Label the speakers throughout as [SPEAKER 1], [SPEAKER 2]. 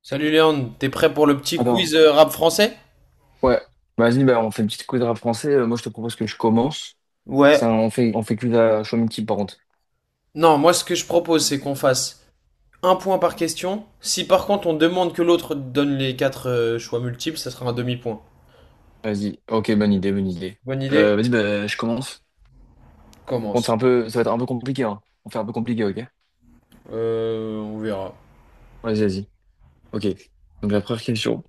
[SPEAKER 1] Salut Léon, t'es prêt pour le petit
[SPEAKER 2] Attends,
[SPEAKER 1] quiz rap français?
[SPEAKER 2] ouais, vas-y, bah, on fait une petite quiz de rap français. Moi, je te propose que je commence.
[SPEAKER 1] Ouais,
[SPEAKER 2] Ça, on fait quiz à Chomity, par contre.
[SPEAKER 1] non, moi ce que je propose c'est qu'on fasse un point par question. Si par contre on demande que l'autre donne les quatre choix multiples, ça sera un demi-point.
[SPEAKER 2] Vas-y, ok, bonne idée, bonne idée.
[SPEAKER 1] Bonne idée?
[SPEAKER 2] Vas-y, bah, je commence. Bon,
[SPEAKER 1] Commence.
[SPEAKER 2] ça va être un peu compliqué, hein. On fait un peu compliqué, ok?
[SPEAKER 1] On verra.
[SPEAKER 2] Vas-y, vas-y. Ok. Donc, la première question.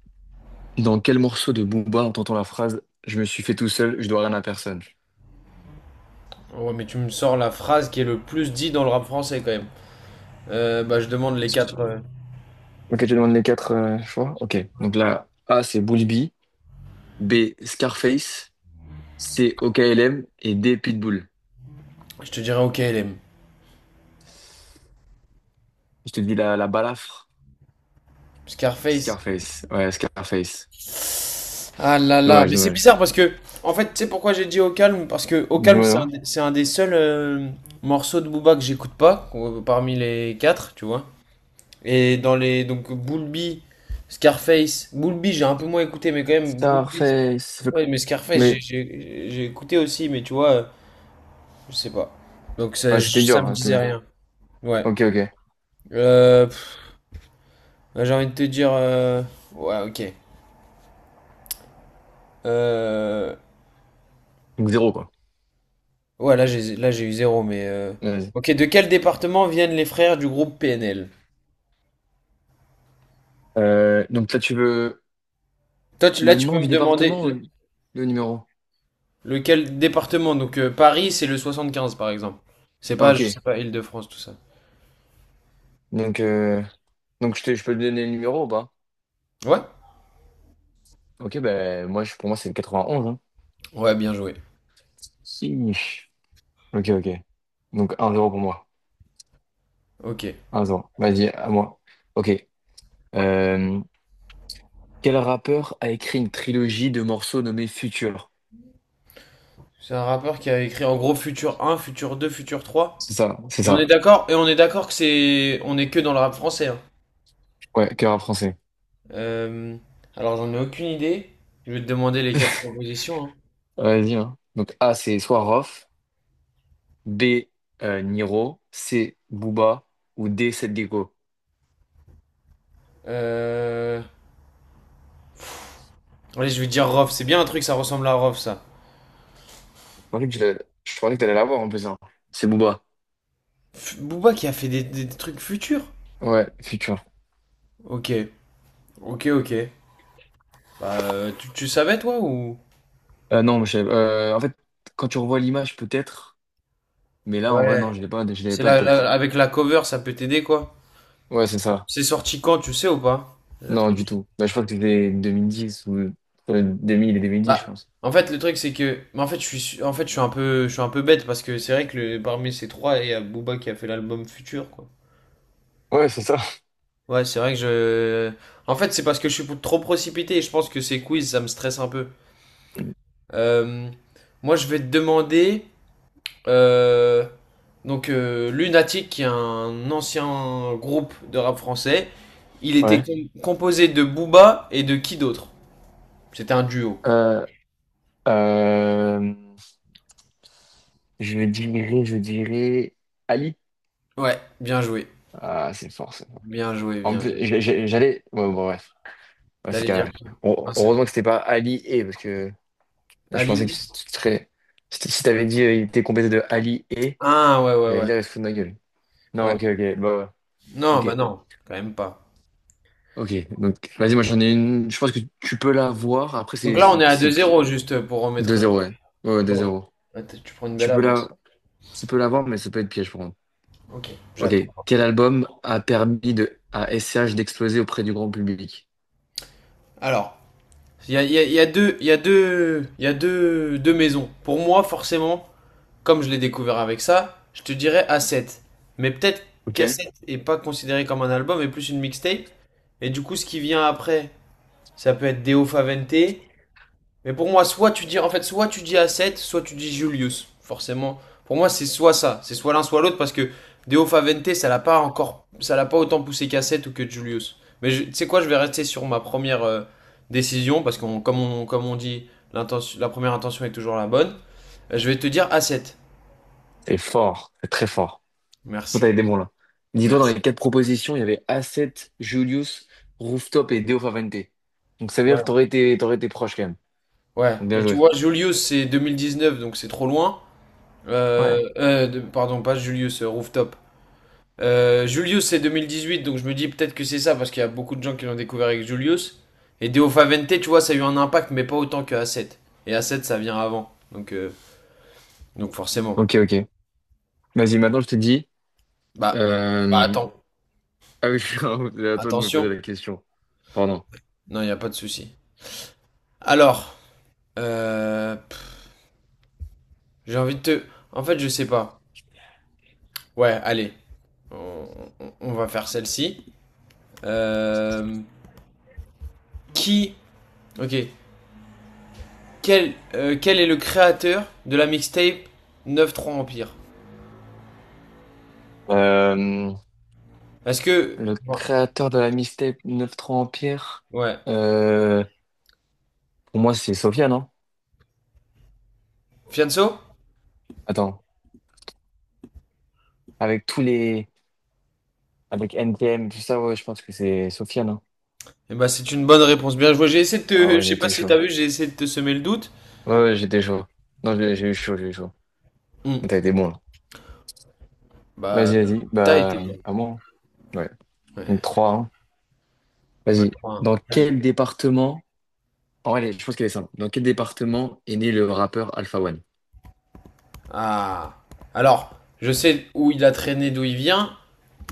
[SPEAKER 2] Dans quel morceau de Booba entend-on la phrase « Je me suis fait tout seul, je dois rien à personne »?
[SPEAKER 1] Ouais, mais tu me sors la phrase qui est le plus dit dans le rap français quand même. Bah je demande les quatre.
[SPEAKER 2] Ok, tu demandes les quatre choix? Ok. Donc, là, A, c'est Bulbi. B, Scarface. C, OKLM. Et D, Pitbull.
[SPEAKER 1] Je te dirai OK LM.
[SPEAKER 2] Je te dis la balafre.
[SPEAKER 1] Scarface.
[SPEAKER 2] Scarface. Ouais, Scarface.
[SPEAKER 1] Ah là là,
[SPEAKER 2] Dommage,
[SPEAKER 1] mais c'est
[SPEAKER 2] dommage.
[SPEAKER 1] bizarre parce que, en fait, tu sais pourquoi j'ai dit Au Calme? Parce que Au Calme,
[SPEAKER 2] Dis-moi.
[SPEAKER 1] c'est un des seuls morceaux de Booba que j'écoute pas, parmi les quatre, tu vois. Et dans les, donc, Bulbi, Scarface, Bulbi, j'ai un peu moins écouté, mais quand même, Bulbi,
[SPEAKER 2] Starface.
[SPEAKER 1] ouais, mais Scarface,
[SPEAKER 2] Mais
[SPEAKER 1] j'ai écouté aussi, mais tu vois, je sais pas. Donc ça,
[SPEAKER 2] ouais, c'était
[SPEAKER 1] je- ça
[SPEAKER 2] dur,
[SPEAKER 1] me
[SPEAKER 2] hein, c'était
[SPEAKER 1] disait
[SPEAKER 2] dur.
[SPEAKER 1] rien. Ouais.
[SPEAKER 2] Ok, ok.
[SPEAKER 1] Euh, pff, j'ai envie de te dire, ouais, ok. Euh,
[SPEAKER 2] Donc zéro, quoi.
[SPEAKER 1] Ouais, là j'ai eu zéro, mais,
[SPEAKER 2] Vas-y.
[SPEAKER 1] ok, de quel département viennent les frères du groupe PNL?
[SPEAKER 2] Donc là, tu veux
[SPEAKER 1] Toi, tu- là,
[SPEAKER 2] le
[SPEAKER 1] tu
[SPEAKER 2] nom
[SPEAKER 1] peux
[SPEAKER 2] du
[SPEAKER 1] me demander
[SPEAKER 2] département ou
[SPEAKER 1] le-
[SPEAKER 2] le numéro?
[SPEAKER 1] lequel département. Donc Paris, c'est le 75, par exemple. C'est
[SPEAKER 2] Ah,
[SPEAKER 1] pas, je
[SPEAKER 2] ok.
[SPEAKER 1] sais pas, Île-de-France, tout ça.
[SPEAKER 2] Donc, euh, donc je peux te donner le numéro ou pas?
[SPEAKER 1] Ouais?
[SPEAKER 2] Ok, ben moi, pour moi, c'est le 91, hein.
[SPEAKER 1] Ouais, bien joué.
[SPEAKER 2] Si. Ok, ok. Donc un zéro pour moi.
[SPEAKER 1] Ok.
[SPEAKER 2] Un zéro. Vas-y, à moi. Ok. Euh, quel rappeur a écrit une trilogie de morceaux nommés Future?
[SPEAKER 1] C'est un rappeur qui a écrit en gros Futur un Futur 2 Futur trois.
[SPEAKER 2] C'est ça, c'est
[SPEAKER 1] Et on est
[SPEAKER 2] ça.
[SPEAKER 1] d'accord, et on est d'accord que c'est, on est que dans le rap français, hein.
[SPEAKER 2] Ouais, cœur à français.
[SPEAKER 1] Euh, Alors j'en ai aucune idée. Je vais te demander les quatre propositions, hein.
[SPEAKER 2] Vas-y, hein. Donc A, c'est Swaroff, B, Niro, C, Booba, ou D, Seth Gecko.
[SPEAKER 1] Euh... Allez, je vais dire Rof. C'est bien un truc, ça ressemble à Rof, ça.
[SPEAKER 2] Je pensais que tu l'as- je pensais que t'allais l'avoir en plus, hein. C'est Booba.
[SPEAKER 1] F- Booba qui a fait des trucs futurs.
[SPEAKER 2] Ouais, futur.
[SPEAKER 1] Ok, ok. Bah, tu, tu savais toi ou...
[SPEAKER 2] Non, en fait, quand tu revois l'image, peut-être, mais là, en vrai, non,
[SPEAKER 1] Ouais.
[SPEAKER 2] je l'ai pas, je l'avais
[SPEAKER 1] C'est
[SPEAKER 2] pas de
[SPEAKER 1] la,
[SPEAKER 2] tête.
[SPEAKER 1] la- avec la cover, ça peut t'aider quoi.
[SPEAKER 2] Ouais, c'est ça.
[SPEAKER 1] C'est sorti quand, tu sais ou pas? La
[SPEAKER 2] Non, du
[SPEAKER 1] trilogie.
[SPEAKER 2] tout. Bah, je crois que c'était 2010 ou 2000 et 2010, je
[SPEAKER 1] Bah,
[SPEAKER 2] pense.
[SPEAKER 1] en fait, le truc c'est que, mais en fait, je suis, su- en fait, je suis un peu bête parce que c'est vrai que le- parmi ces trois, il y a Booba qui a fait l'album Futur quoi.
[SPEAKER 2] Ouais, c'est ça.
[SPEAKER 1] Ouais, c'est vrai que je, en fait, c'est parce que je suis trop précipité et je pense que ces quiz, ça me stresse un peu. Euh, Moi, je vais te demander. Euh, Lunatic, qui est un ancien groupe de rap français, il était
[SPEAKER 2] Ouais.
[SPEAKER 1] com- composé de Booba et de qui d'autre? C'était un duo.
[SPEAKER 2] Euh, euh, je dirais Ali.
[SPEAKER 1] Ouais, bien joué.
[SPEAKER 2] Ah, c'est fort, c'est fort.
[SPEAKER 1] Bien joué,
[SPEAKER 2] En
[SPEAKER 1] bien
[SPEAKER 2] plus,
[SPEAKER 1] joué.
[SPEAKER 2] j'allais. Ouais, bon, bref. Ouais, c'est
[SPEAKER 1] T'allais dire.
[SPEAKER 2] carré. Heu-
[SPEAKER 1] Ah, c'est-
[SPEAKER 2] Heureusement que c'était pas Ali et, parce que là, je pensais que
[SPEAKER 1] Ali?
[SPEAKER 2] tu serais. Si t'avais dit il était complété de Ali et,
[SPEAKER 1] Ah ouais, ouais,
[SPEAKER 2] j'allais
[SPEAKER 1] ouais.
[SPEAKER 2] dire il se fout de ma gueule. Non,
[SPEAKER 1] Ouais.
[SPEAKER 2] ok, ok. Bah, ouais.
[SPEAKER 1] Non, bah
[SPEAKER 2] Ok.
[SPEAKER 1] non, quand même pas.
[SPEAKER 2] Ok. Donc, vas-y, moi, j'en ai une. Je pense que tu peux la voir. Après,
[SPEAKER 1] Donc là, on est à deux
[SPEAKER 2] c'est pi-
[SPEAKER 1] zéro juste pour remettre...
[SPEAKER 2] 2-0, ouais. Ouais, ouais,
[SPEAKER 1] Ouais.
[SPEAKER 2] 2-0.
[SPEAKER 1] Ouais, t- tu prends une belle
[SPEAKER 2] Tu peux la,
[SPEAKER 1] avance.
[SPEAKER 2] tu peux la voir, mais ça peut être piège, pour contre.
[SPEAKER 1] Ok,
[SPEAKER 2] Ok.
[SPEAKER 1] j'attends.
[SPEAKER 2] Quel album a permis à SCH d'exploser auprès du grand public?
[SPEAKER 1] Alors, il y a, il y a- il y a deux, il y a deux, il y a deux, deux maisons. Pour moi, forcément, comme je l'ai découvert avec ça, je te dirais A7. Mais peut-être
[SPEAKER 2] Ok.
[SPEAKER 1] qu'A7 est pas considéré comme un album, mais plus une mixtape. Et du coup, ce qui vient après, ça peut être Deo Favente. Mais pour moi, soit tu dis, en fait, soit tu dis A7, soit tu dis Julius. Forcément. Pour moi, c'est soit ça. C'est soit l'un, soit l'autre, parce que Deo Favente, ça l'a pas autant poussé qu'A7 ou que Julius. Mais je- tu sais quoi, je vais rester sur ma première décision, parce que comme on dit, l'intention- la première intention est toujours la bonne. Je vais te dire A7.
[SPEAKER 2] C'est fort, c'est très fort. Tout t'avais
[SPEAKER 1] Merci.
[SPEAKER 2] des bons là. Dis-toi, dans
[SPEAKER 1] Merci.
[SPEAKER 2] les quatre propositions, il y avait Asset, Julius, Rooftop et Deo Favente. Donc ça veut dire
[SPEAKER 1] Ouais.
[SPEAKER 2] que t'aurais été proche quand même.
[SPEAKER 1] Ouais.
[SPEAKER 2] Donc bien
[SPEAKER 1] Mais tu
[SPEAKER 2] joué.
[SPEAKER 1] vois, Julius, c'est 2019, donc c'est trop loin.
[SPEAKER 2] Ouais.
[SPEAKER 1] De- pardon, pas Julius, Rooftop. Julius, c'est 2018, donc je me dis peut-être que c'est ça, parce qu'il y a beaucoup de gens qui l'ont découvert avec Julius. Et Deo Favente, tu vois, ça a eu un impact, mais pas autant que A7. Et A7, ça vient avant. Donc forcément.
[SPEAKER 2] Ok, ok. Vas-y, maintenant je te dis.
[SPEAKER 1] Bah, Bah
[SPEAKER 2] euh,
[SPEAKER 1] attends.
[SPEAKER 2] Ah oui, c'est à toi de me poser
[SPEAKER 1] Attention.
[SPEAKER 2] la question. Pardon.
[SPEAKER 1] Non, il n'y a pas de souci. Alors, euh, pff, j'ai envie de te... En fait, je sais pas. Ouais, allez. On, on va faire celle-ci. Euh, Qui. Ok. Quel, quel est le créateur de la mixtape 9-3 Empire?
[SPEAKER 2] Euh,
[SPEAKER 1] Est-ce que.
[SPEAKER 2] Le
[SPEAKER 1] Moi.
[SPEAKER 2] créateur de la mixtape 9-3 Empire,
[SPEAKER 1] Ouais.
[SPEAKER 2] euh, pour moi c'est Sofiane, non?
[SPEAKER 1] Fianso.
[SPEAKER 2] Attends. Avec tous les. Avec NTM, tout ça, ouais, je pense que c'est Sofiane, non?
[SPEAKER 1] Eh ben, c'est une bonne réponse. Bien joué. J'ai essayé de
[SPEAKER 2] Ah
[SPEAKER 1] te.
[SPEAKER 2] ouais,
[SPEAKER 1] Je
[SPEAKER 2] il
[SPEAKER 1] sais pas
[SPEAKER 2] était
[SPEAKER 1] si
[SPEAKER 2] chaud.
[SPEAKER 1] t'as vu, j'ai essayé de te semer le doute.
[SPEAKER 2] Ouais, ouais, j'étais chaud. Non, j'ai eu chaud, j'ai eu chaud.
[SPEAKER 1] Hmm.
[SPEAKER 2] T'as été bon, là.
[SPEAKER 1] Bah,
[SPEAKER 2] Vas-y, vas-y.
[SPEAKER 1] t'as été
[SPEAKER 2] Bah,
[SPEAKER 1] bon.
[SPEAKER 2] à moi, hein. Ouais. Donc,
[SPEAKER 1] Ouais.
[SPEAKER 2] 3 hein.
[SPEAKER 1] Ouais,
[SPEAKER 2] Vas-y. Dans
[SPEAKER 1] 3-1. Ouais.
[SPEAKER 2] quel département... Oh, allez, je pense qu'elle est simple. Dans quel département est né le rappeur Alpha One?
[SPEAKER 1] Ah. Alors, je sais où il a traîné, d'où il vient,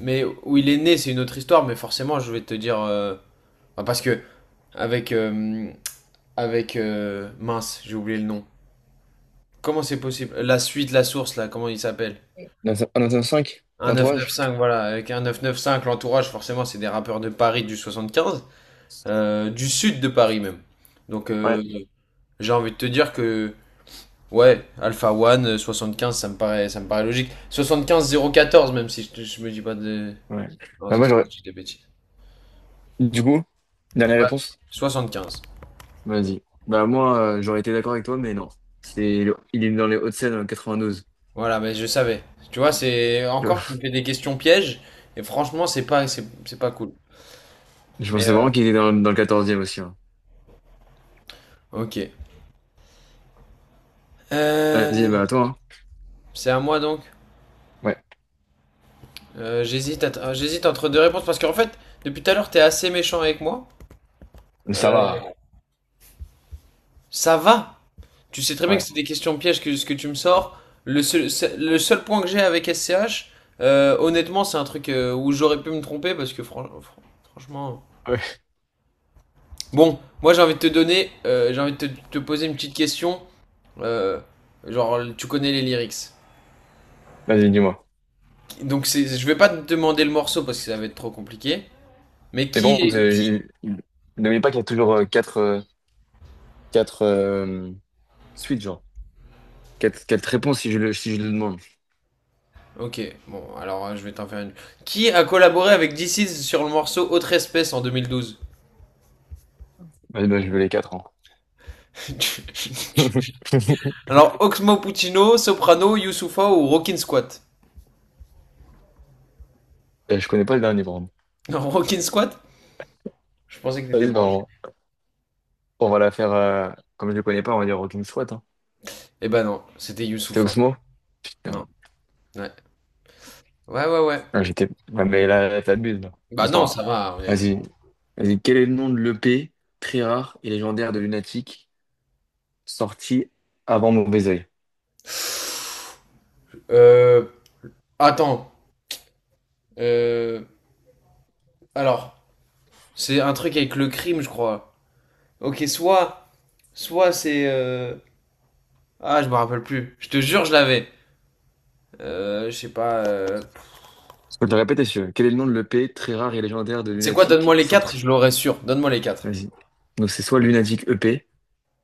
[SPEAKER 1] mais où il est né, c'est une autre histoire, mais forcément, je vais te dire, bah, parce que. Avec. euh, avec, mince, j'ai oublié le nom. Comment c'est possible? La suite, la source, là, comment il s'appelle?
[SPEAKER 2] Dans un 5
[SPEAKER 1] Un
[SPEAKER 2] L'entourage?
[SPEAKER 1] 995, voilà. Avec un 995, l'entourage, forcément, c'est des rappeurs de Paris du 75, du sud de Paris même. Donc,
[SPEAKER 2] Ouais.
[SPEAKER 1] j'ai envie de te dire que, ouais, Alpha One, 15, ça me paraît logique. 75014, même si je, je me dis pas de.
[SPEAKER 2] Ouais.
[SPEAKER 1] Non,
[SPEAKER 2] Bah,
[SPEAKER 1] ça,
[SPEAKER 2] moi, j'aurais...
[SPEAKER 1] c'est des bêtises.
[SPEAKER 2] Du coup, dernière réponse?
[SPEAKER 1] Ouais, 15.
[SPEAKER 2] Vas-y. Bah, moi, j'aurais été d'accord avec toi, mais non. Il est dans les Hauts-de-Seine, dans le 92.
[SPEAKER 1] Voilà, mais je savais. Tu vois, c'est. Encore, tu me fais des questions pièges, et franchement, c'est pas, c'est pas cool.
[SPEAKER 2] Je
[SPEAKER 1] Mais,
[SPEAKER 2] pensais vraiment qu'il était dans le 14e aussi, hein.
[SPEAKER 1] ok. Euh,
[SPEAKER 2] Vas-y, bah, à toi, hein.
[SPEAKER 1] C'est à moi donc.
[SPEAKER 2] Ouais.
[SPEAKER 1] J'hésite à j'hésite entre deux réponses parce qu'en fait, depuis tout à l'heure, t'es assez méchant avec moi.
[SPEAKER 2] Ça
[SPEAKER 1] Euh,
[SPEAKER 2] va.
[SPEAKER 1] Ça va. Tu sais très bien que
[SPEAKER 2] Ouais.
[SPEAKER 1] c'est des questions pièges que ce que tu me sors. Le seul, c'est- le seul point que j'ai avec SCH, honnêtement, c'est un truc où j'aurais pu me tromper parce que franchement.
[SPEAKER 2] Ouais.
[SPEAKER 1] Bon, moi j'ai envie de te donner, j'ai envie de te, te poser une petite question. Euh, genre, tu connais les lyrics.
[SPEAKER 2] Vas-y, dis-moi.
[SPEAKER 1] Donc c'est- je vais pas te demander le morceau parce que ça va être trop compliqué. Mais
[SPEAKER 2] Mais bon,
[SPEAKER 1] qui.
[SPEAKER 2] n'oubliez pas qu'il y a toujours quatre suites, genre. Quatre réponses si je le demande.
[SPEAKER 1] Ok, bon, alors je vais t'en faire une. Qui a collaboré avec DC's sur le morceau Autre Espèce en 2012?
[SPEAKER 2] Ouais, bah, je veux les quatre, hein.
[SPEAKER 1] Alors, Oxmo Puccino, Soprano, Youssoufa ou Rockin' Squat?
[SPEAKER 2] Je connais pas le dernier, par contre.
[SPEAKER 1] Non, Rockin' Squat. Je pensais que t'étais
[SPEAKER 2] Vas-y, bah,
[SPEAKER 1] branché.
[SPEAKER 2] on va la faire. Comme je le connais pas, on va dire aucune squat, hein.
[SPEAKER 1] Eh ben non, c'était
[SPEAKER 2] C'était
[SPEAKER 1] Youssoufa.
[SPEAKER 2] Oxmo? Putain.
[SPEAKER 1] Non, ouais. Ouais, ouais, ouais.
[SPEAKER 2] Ah, j'étais. Ouais, mais là, là, t'abuses, là. Bon,
[SPEAKER 1] Bah
[SPEAKER 2] c'est
[SPEAKER 1] non,
[SPEAKER 2] pas
[SPEAKER 1] ça va,
[SPEAKER 2] grave.
[SPEAKER 1] honnêtement.
[SPEAKER 2] Vas-y. Vas-y. Quel est le nom de l'EP très rare et légendaire de Lunatic sorti avant Mauvais Oeil?
[SPEAKER 1] Euh. Attends. Euh. Alors, c'est un truc avec le crime, je crois. Ok, soit. Soit c'est. Ah, je me rappelle plus. Je te jure, je l'avais. Je sais pas.
[SPEAKER 2] Je peux te le répéter, si tu veux. Quel est le nom de l'EP très rare et légendaire de
[SPEAKER 1] C'est quoi, donne-moi
[SPEAKER 2] Lunatic
[SPEAKER 1] les quatre, je
[SPEAKER 2] sorti?
[SPEAKER 1] l'aurais sûr. Donne-moi les quatre.
[SPEAKER 2] Vas-y. Donc c'est soit Lunatic EP,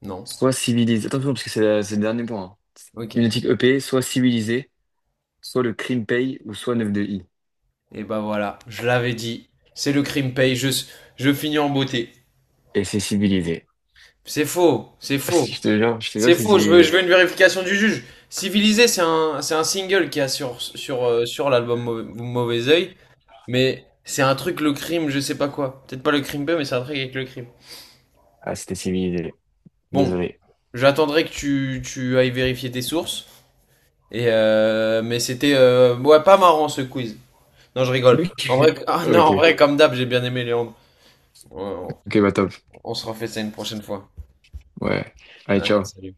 [SPEAKER 1] Non.
[SPEAKER 2] soit Civilisé. Attention, parce que c'est le dernier point, hein.
[SPEAKER 1] Ok.
[SPEAKER 2] Lunatic EP, soit Civilisé, soit le Crime Paye, ou soit Neuf de i.
[SPEAKER 1] Et bah voilà, je l'avais dit. C'est le crime paye, je finis en beauté.
[SPEAKER 2] Et c'est Civilisé.
[SPEAKER 1] C'est faux, c'est faux.
[SPEAKER 2] Je te jure
[SPEAKER 1] C'est
[SPEAKER 2] que c'est
[SPEAKER 1] faux, je
[SPEAKER 2] Civilisé.
[SPEAKER 1] veux une vérification du juge. Civilisé, c'est un single qui a sur, sur, sur l'album Mau- Mauvais Oeil, mais c'est un truc, le crime, je sais pas quoi. Peut-être pas le crime paye, mais c'est un truc avec le crime.
[SPEAKER 2] Ah, c'était Civilisé.
[SPEAKER 1] Bon,
[SPEAKER 2] Désolé.
[SPEAKER 1] j'attendrai que tu ailles vérifier tes sources. Et mais c'était ouais, pas marrant ce quiz. Non, je rigole. En vrai,
[SPEAKER 2] Ok.
[SPEAKER 1] ah non,
[SPEAKER 2] Ok.
[SPEAKER 1] en vrai, comme d'hab, j'ai bien aimé Léandre. Ouais,
[SPEAKER 2] Ok, bah top.
[SPEAKER 1] on se refait ça une prochaine fois.
[SPEAKER 2] Ouais. Allez,
[SPEAKER 1] Allez,
[SPEAKER 2] ciao.
[SPEAKER 1] salut.